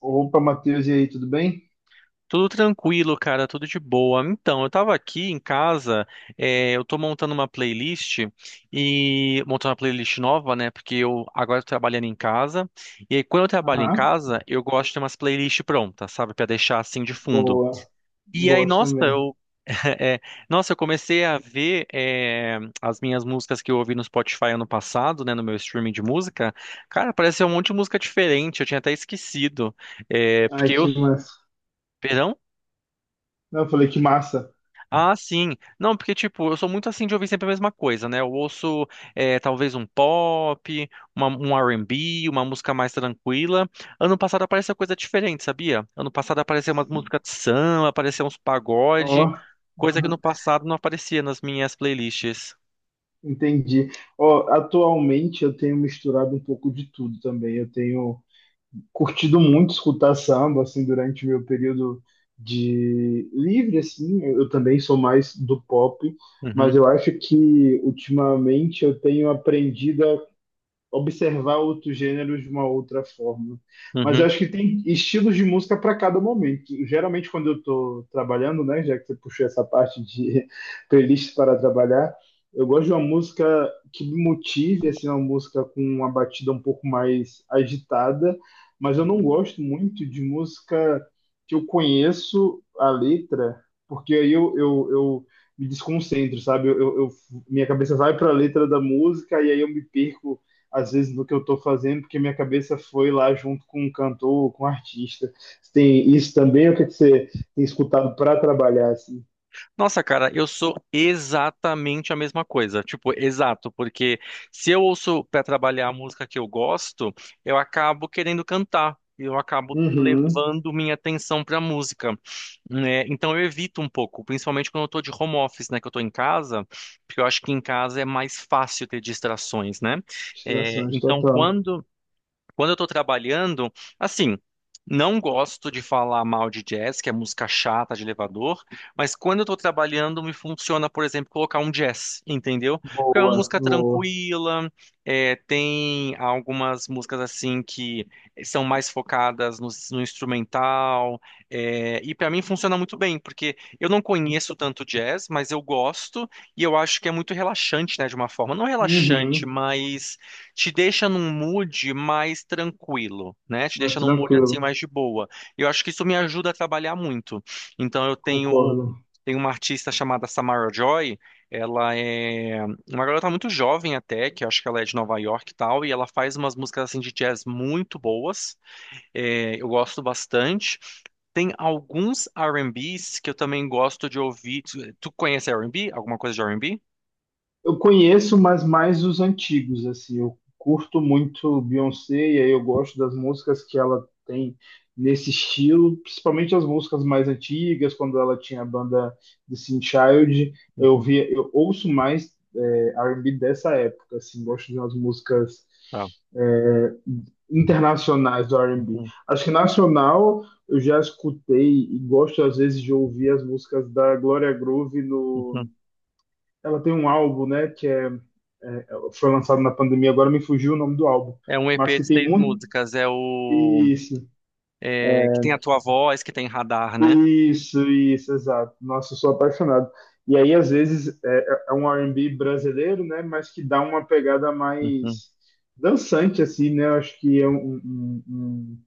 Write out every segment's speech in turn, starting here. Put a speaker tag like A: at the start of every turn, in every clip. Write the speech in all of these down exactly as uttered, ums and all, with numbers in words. A: Opa, Matheus, e aí, tudo bem?
B: Tudo tranquilo, cara, tudo de boa. Então, eu tava aqui em casa, é, eu tô montando uma playlist e montando uma playlist nova, né? Porque eu agora tô trabalhando em casa. E aí, quando eu trabalho em
A: Aham,
B: casa, eu gosto de ter umas playlists prontas, sabe? Pra deixar assim de fundo.
A: boa.
B: E aí,
A: Gosto
B: nossa,
A: também.
B: eu, é, nossa, eu comecei a ver é, as minhas músicas que eu ouvi no Spotify ano passado, né, no meu streaming de música. Cara, apareceu um monte de música diferente, eu tinha até esquecido. É,
A: Ai,
B: porque eu.
A: que massa.
B: Perdão?
A: Não, eu falei que massa.
B: Ah, sim. Não, porque, tipo, eu sou muito assim de ouvir sempre a mesma coisa, né? Eu ouço, eh, talvez um pop, uma- um R e B, uma música mais tranquila. Ano passado apareceu coisa diferente, sabia? Ano passado apareceu uma música de samba, apareceu uns
A: Ó,
B: pagode, coisa que no
A: aham,
B: passado não aparecia nas minhas playlists.
A: entendi. Ó, atualmente eu tenho misturado um pouco de tudo também. Eu tenho curtido muito escutar samba, assim, durante meu período de livre, assim. Eu eu também sou mais do pop, mas
B: Uhum,
A: eu acho que ultimamente eu tenho aprendido observar outros gêneros de uma outra forma. Mas eu
B: uhum.
A: acho que tem estilos de música para cada momento. Geralmente, quando eu estou trabalhando, né, já que você puxou essa parte de playlist para trabalhar, eu gosto de uma música que me motive, assim, uma música com uma batida um pouco mais agitada, mas eu não gosto muito de música que eu conheço a letra, porque aí eu, eu, eu me desconcentro, sabe? Eu, eu- eu- minha cabeça vai para a letra da música e aí eu me perco às vezes do que eu estou fazendo, porque minha cabeça foi lá junto com um cantor, com um artista. Você tem isso também, ou o que que você tem escutado para trabalhar assim?
B: Nossa, cara, eu sou exatamente a mesma coisa. Tipo, exato, porque se eu ouço para trabalhar a música que eu gosto, eu acabo querendo cantar. Eu acabo
A: Uhum.
B: levando minha atenção para a música, né? Então eu evito um pouco, principalmente quando eu tô de home office, né? Que eu tô em casa, porque eu acho que em casa é mais fácil ter distrações, né? É,
A: Distrações,
B: então
A: total.
B: quando quando eu tô trabalhando, assim, não gosto de falar mal de jazz, que é música chata de elevador, mas quando eu tô trabalhando, me funciona, por exemplo, colocar um jazz, entendeu? Porque é uma
A: Boa,
B: música
A: boa.
B: tranquila, é, tem algumas músicas assim que são mais focadas no, no instrumental, é, e pra mim funciona muito bem, porque eu não conheço tanto jazz, mas eu gosto e eu acho que é muito relaxante, né, de uma forma, não relaxante,
A: Uhum.
B: mas te deixa num mood mais tranquilo, né? Te
A: Mas
B: deixa num mood assim
A: tranquilo,
B: mais de boa. Eu acho que isso me ajuda a trabalhar muito. Então eu tenho
A: concordo.
B: tenho uma artista chamada Samara Joy, ela é uma garota muito jovem até, que eu acho que ela é de Nova York e tal, e ela faz umas músicas assim de jazz muito boas. É, eu gosto bastante. Tem alguns R&Bs que eu também gosto de ouvir. Tu, tu conhece R e B? Alguma coisa de R e B?
A: Eu conheço, mas mais os antigos, assim. Eu curto muito Beyoncé e aí eu gosto das músicas que ela tem nesse estilo, principalmente as músicas mais antigas, quando ela tinha a banda The Teen Child. Eu
B: Uhum,
A: via, eu ouço mais é, R and B dessa época, assim. Gosto de umas músicas
B: tá.
A: é, internacionais do R and B.
B: Uhum,
A: Acho que nacional eu já escutei e gosto às vezes de ouvir as músicas da Gloria Groove no
B: uhum.
A: ela tem um álbum, né, que é, é, é, foi lançado na pandemia, agora me fugiu o nome do álbum,
B: É um
A: mas
B: E P
A: que
B: de
A: tem
B: seis
A: muito.
B: músicas. É o
A: Isso,
B: é, que tem a tua voz, que tem radar, né?
A: isso, isso, exato. Nossa, eu sou apaixonado. E aí, às vezes, é, é é um R and B brasileiro, né, mas que dá uma pegada
B: Uhum,
A: mais dançante, assim, né? Eu acho que é um, um, um, um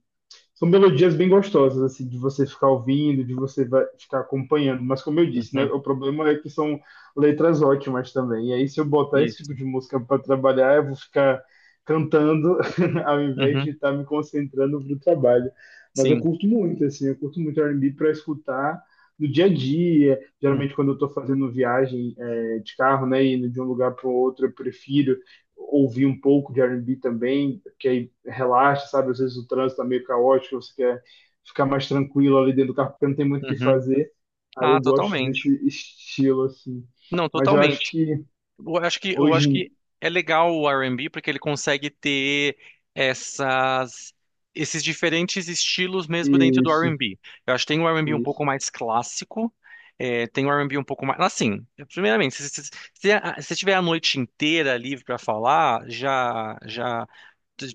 A: são melodias bem gostosas, assim, de você ficar ouvindo, de você vai ficar acompanhando. Mas como eu disse, né,
B: uhum,
A: o problema é que são letras ótimas também. E aí, se eu botar esse tipo
B: isso.
A: de música para trabalhar, eu vou ficar cantando ao invés de
B: Uhum,
A: estar me concentrando pro trabalho. Mas eu
B: sim.
A: curto muito, assim, eu curto muito R and B para escutar no dia a dia.
B: Uhum.
A: Geralmente, quando eu estou fazendo viagem é, de carro, né, indo de um lugar para o outro, eu prefiro ouvir um pouco de R and B também, que aí relaxa, sabe? Às vezes o trânsito tá meio caótico, você quer ficar mais tranquilo ali dentro do carro, porque não tem muito o que
B: Uhum.
A: fazer. Aí
B: Ah,
A: eu gosto
B: totalmente.
A: desse estilo, assim.
B: Não,
A: Mas eu acho
B: totalmente.
A: que
B: Eu acho que, eu acho que
A: hoje...
B: é legal o R e B porque ele consegue ter essas, esses diferentes estilos mesmo dentro
A: em-
B: do
A: Isso,
B: R e B. Eu acho que tem o R e B um
A: isso.
B: pouco mais clássico, é, tem o R e B um pouco mais... Assim, primeiramente, se, se, se, a- se tiver a noite inteira livre para falar, já, já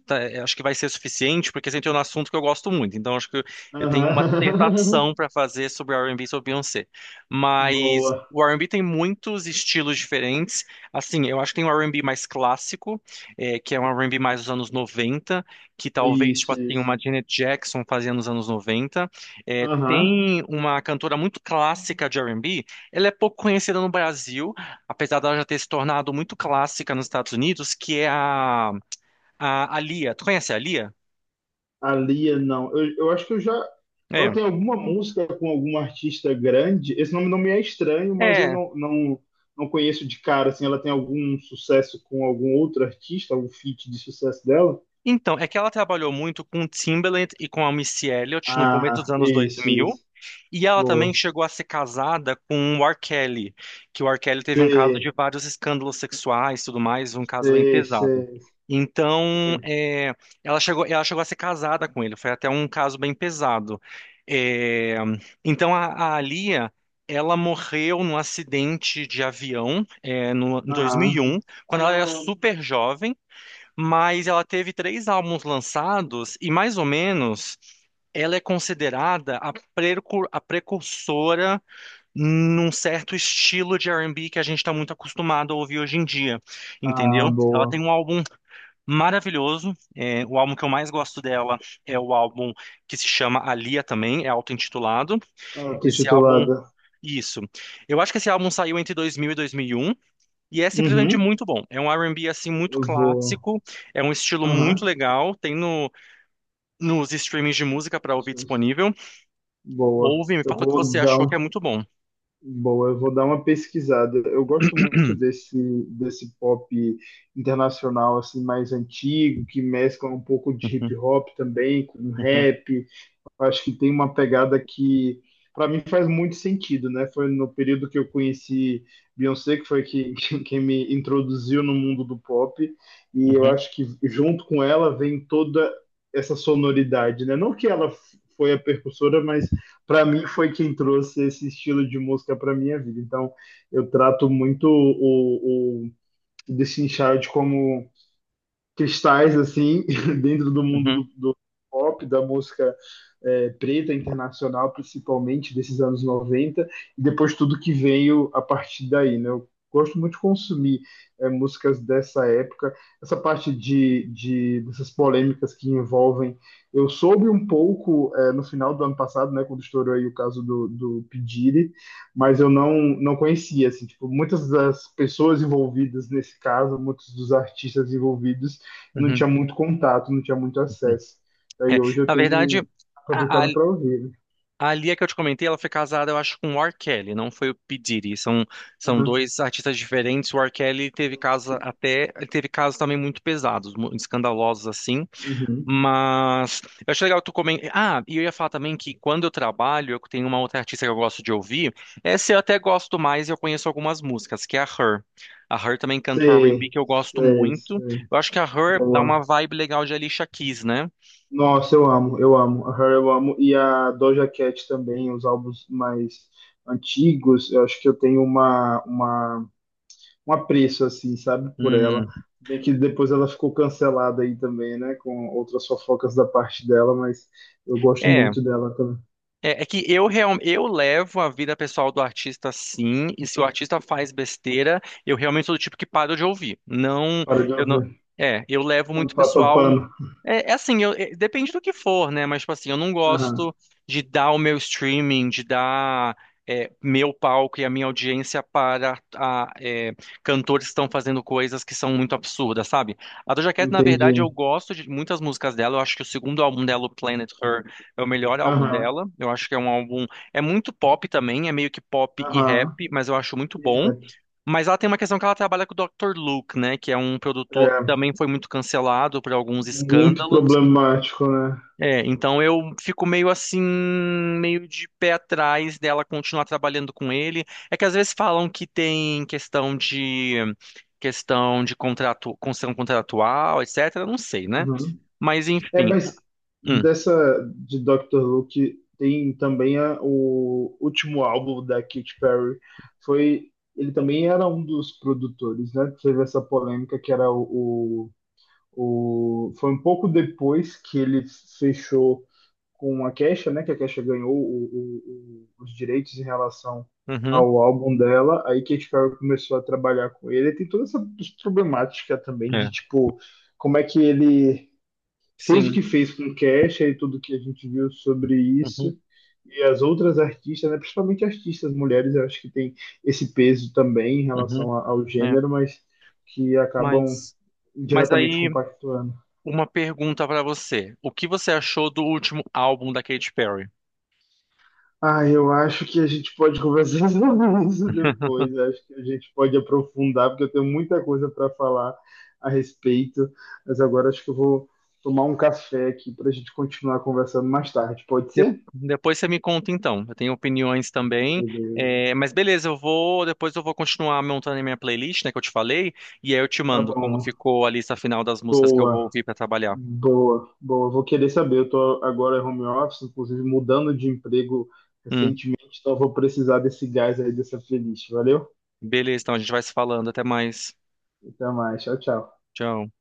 B: tá- eu acho que vai ser suficiente porque você entrou no assunto que eu gosto muito. Então, acho que eu eu tenho uma
A: Aham.
B: dissertação para fazer sobre R e B e B e sobre Beyoncé. Mas
A: Boa.
B: o R e B tem muitos estilos diferentes. Assim, eu acho que tem um R e B mais clássico, eh, que é um R e B mais dos anos noventa, que talvez,
A: Isso,
B: tipo, tem
A: isso.
B: uma Janet Jackson fazia nos anos noventa. Eh,
A: Aham.
B: tem uma cantora muito clássica de R e B, ela é pouco conhecida no Brasil, apesar dela já ter se tornado muito clássica nos Estados Unidos, que é a, a, a Lia. Tu conhece a Lia?
A: A Lia, não. Eu, eu acho que eu já. Ela
B: É.
A: tem alguma música com algum artista grande. Esse nome não me é estranho, mas eu
B: É.
A: não, não, não conheço de cara. Assim, ela tem algum sucesso com algum outro artista, algum feat de sucesso dela?
B: Então, é que ela trabalhou muito com Timbaland e com a Missy Elliott no começo dos
A: Ah,
B: anos
A: esse,
B: dois mil.
A: esse.
B: E ela também
A: Boa.
B: chegou a ser casada com o R. Kelly, que o R. Kelly teve um caso de
A: Sei,
B: vários escândalos sexuais e tudo mais, um caso bem
A: sei,
B: pesado.
A: sei,
B: Então,
A: sei.
B: é, ela chegou, ela chegou a ser casada com ele, foi até um caso bem pesado. É, então, a, a Lia, ela morreu num acidente de avião, é, no, em
A: Aham.
B: dois mil e um, quando ela era Ah, super jovem. Mas ela teve três álbuns lançados e, mais ou menos, ela é considerada a, precur- a precursora num certo estilo de R e B que a gente está muito acostumado a ouvir hoje em dia,
A: Ah,
B: entendeu? Ela tem
A: boa.
B: um álbum maravilhoso, é, o álbum que eu mais gosto dela é o álbum que se chama Alia também, é auto-intitulado.
A: Ah, tô
B: Esse álbum,
A: titulada.
B: isso. Eu acho que esse álbum saiu entre dois mil e dois mil e um. E é simplesmente
A: Uhum.
B: muito bom. É um R e B assim muito
A: Eu vou.
B: clássico, é um estilo muito
A: Aham.
B: legal, tem no, nos streamings de música para ouvir disponível.
A: Boa.
B: Ouve, me
A: Eu
B: fala o que
A: vou
B: você
A: dar
B: achou que é
A: um.
B: muito bom.
A: Boa, eu vou dar uma pesquisada. Eu gosto muito desse, desse pop internacional assim mais antigo, que mescla um pouco de
B: Uhum,
A: hip hop também com
B: uhum,
A: rap. Eu acho que tem uma pegada que, para mim, faz muito sentido, né? Foi no período que eu conheci Beyoncé, que foi que, quem me introduziu no mundo do pop, e eu
B: uhum,
A: acho que junto com ela vem toda essa sonoridade, né? Não que ela f- foi a percussora, mas para mim foi quem trouxe esse estilo de música para minha vida. Então, eu trato muito o, o Destiny Child como cristais assim dentro do mundo
B: uhum,
A: do, do pop, da música é, preta internacional, principalmente desses anos noventa e depois tudo que veio a partir daí, né? Eu gosto muito de consumir é, músicas dessa época, essa parte de, de dessas polêmicas que envolvem. Eu soube um pouco é, no final do ano passado, né, quando estourou aí o caso do, do P. Diddy, mas eu não, não conhecia, assim, tipo, muitas das pessoas envolvidas nesse caso, muitos dos artistas envolvidos, eu não
B: uhum,
A: tinha muito contato, não tinha muito
B: uhum.
A: acesso. Daí
B: É,
A: hoje eu
B: na
A: tenho
B: verdade, a, a,
A: aproveitado para ouvir, né?
B: a Lia que eu te comentei, ela foi casada, eu acho, com o R. Kelly, não foi o P. Diddy. São, são
A: Aham.
B: dois artistas diferentes. O R. Kelly teve casos até, ele teve casos também muito pesados, mu- escandalosos assim.
A: Uhum.
B: Mas eu acho legal tu comentar. Ah, e eu ia falar também que quando eu trabalho, eu tenho uma outra artista que eu gosto de ouvir. Essa eu até gosto mais e eu conheço algumas músicas, que é a Her. A Her também canta o R e B
A: Sei,
B: que eu gosto
A: sei,
B: muito.
A: sei.
B: Eu acho que a Her dá uma
A: Boa.
B: vibe legal de Alicia Keys, né?
A: Nossa, eu amo, eu amo. A Her eu amo. E a Doja Cat também, os álbuns mais antigos. Eu acho que eu tenho uma, uma, um apreço, assim, sabe, por ela.
B: Hum.
A: Bem que depois ela ficou cancelada aí também, né, com outras fofocas da parte dela, mas eu gosto
B: É,
A: muito dela também.
B: É, é que eu, real, eu levo a vida pessoal do artista sim, e se o artista faz besteira, eu realmente sou do tipo que paro de ouvir. Não,
A: Para de
B: eu não.
A: ouvir.
B: É, eu levo
A: Não
B: muito
A: passa
B: pessoal.
A: pano.
B: É, é assim, eu- é, depende do que for, né? Mas, tipo assim, eu não
A: Aham.
B: gosto de dar o meu streaming, de dar é, meu palco e a minha audiência para a, é, cantores que estão fazendo coisas que são muito absurdas, sabe? A Doja Cat, na
A: Entendi.
B: verdade, eu gosto de muitas músicas dela. Eu acho que o segundo álbum dela, o Planet Her é o melhor álbum
A: Aham,
B: dela. Eu acho que é um álbum. É muito pop também, é meio que pop e
A: aham.
B: rap, mas eu acho muito
A: E
B: bom.
A: rap.
B: Mas ela tem uma questão que ela trabalha com o doutor Luke, né? Que é um
A: É
B: produtor que também foi muito cancelado por alguns
A: muito
B: escândalos.
A: problemático, né?
B: É, então eu fico meio assim, meio de pé atrás dela continuar trabalhando com ele. É que às vezes falam que tem questão de. Questão de contrato, questão contratual, et cetera. Não sei, né?
A: Uhum.
B: Mas
A: É,
B: enfim.
A: mas
B: Hum,
A: dessa de doutor Luke tem também a- o último álbum da Katy Perry. Foi, ele também era um dos produtores, né? Teve essa polêmica que era o, o, o- foi um pouco depois que ele fechou com a Kesha, né? Que a Kesha ganhou o- o- o- os direitos em relação
B: uhum,
A: ao álbum dela. Aí Katy Perry começou a trabalhar com ele. Tem toda essa problemática também
B: é,
A: de tipo como é que ele fez o
B: sim.
A: que fez com Kesha e tudo que a gente viu sobre
B: Uhum,
A: isso. E as outras artistas, né, principalmente artistas mulheres, eu acho que tem esse peso também em
B: uhum.
A: relação a- ao
B: Né?
A: gênero, mas que acabam
B: Mas, mas
A: diretamente
B: aí,
A: compactuando.
B: uma pergunta pra você. O que você achou do último álbum da Katy Perry?
A: Ah, eu acho que a gente pode conversar sobre isso depois. Eu acho que a gente pode aprofundar, porque eu tenho muita coisa para falar a respeito. Mas agora acho que eu vou tomar um café aqui para a gente continuar conversando mais tarde. Pode
B: De-
A: ser?
B: depois você me conta então. Eu tenho opiniões também.
A: Beleza.
B: É, mas beleza, eu vou. Depois eu vou continuar montando a minha playlist, né, que eu te falei. E aí eu te
A: Tá
B: mando como
A: bom.
B: ficou a lista final das músicas que eu vou
A: Boa,
B: ouvir pra trabalhar.
A: boa, boa. Vou querer saber. Eu tô agora em home office, inclusive mudando de emprego
B: Hum,
A: recentemente, então eu vou precisar desse gás aí, dessa playlist. Valeu?
B: beleza, então a gente vai se falando. Até mais.
A: Até mais. Tchau, tchau.
B: Tchau.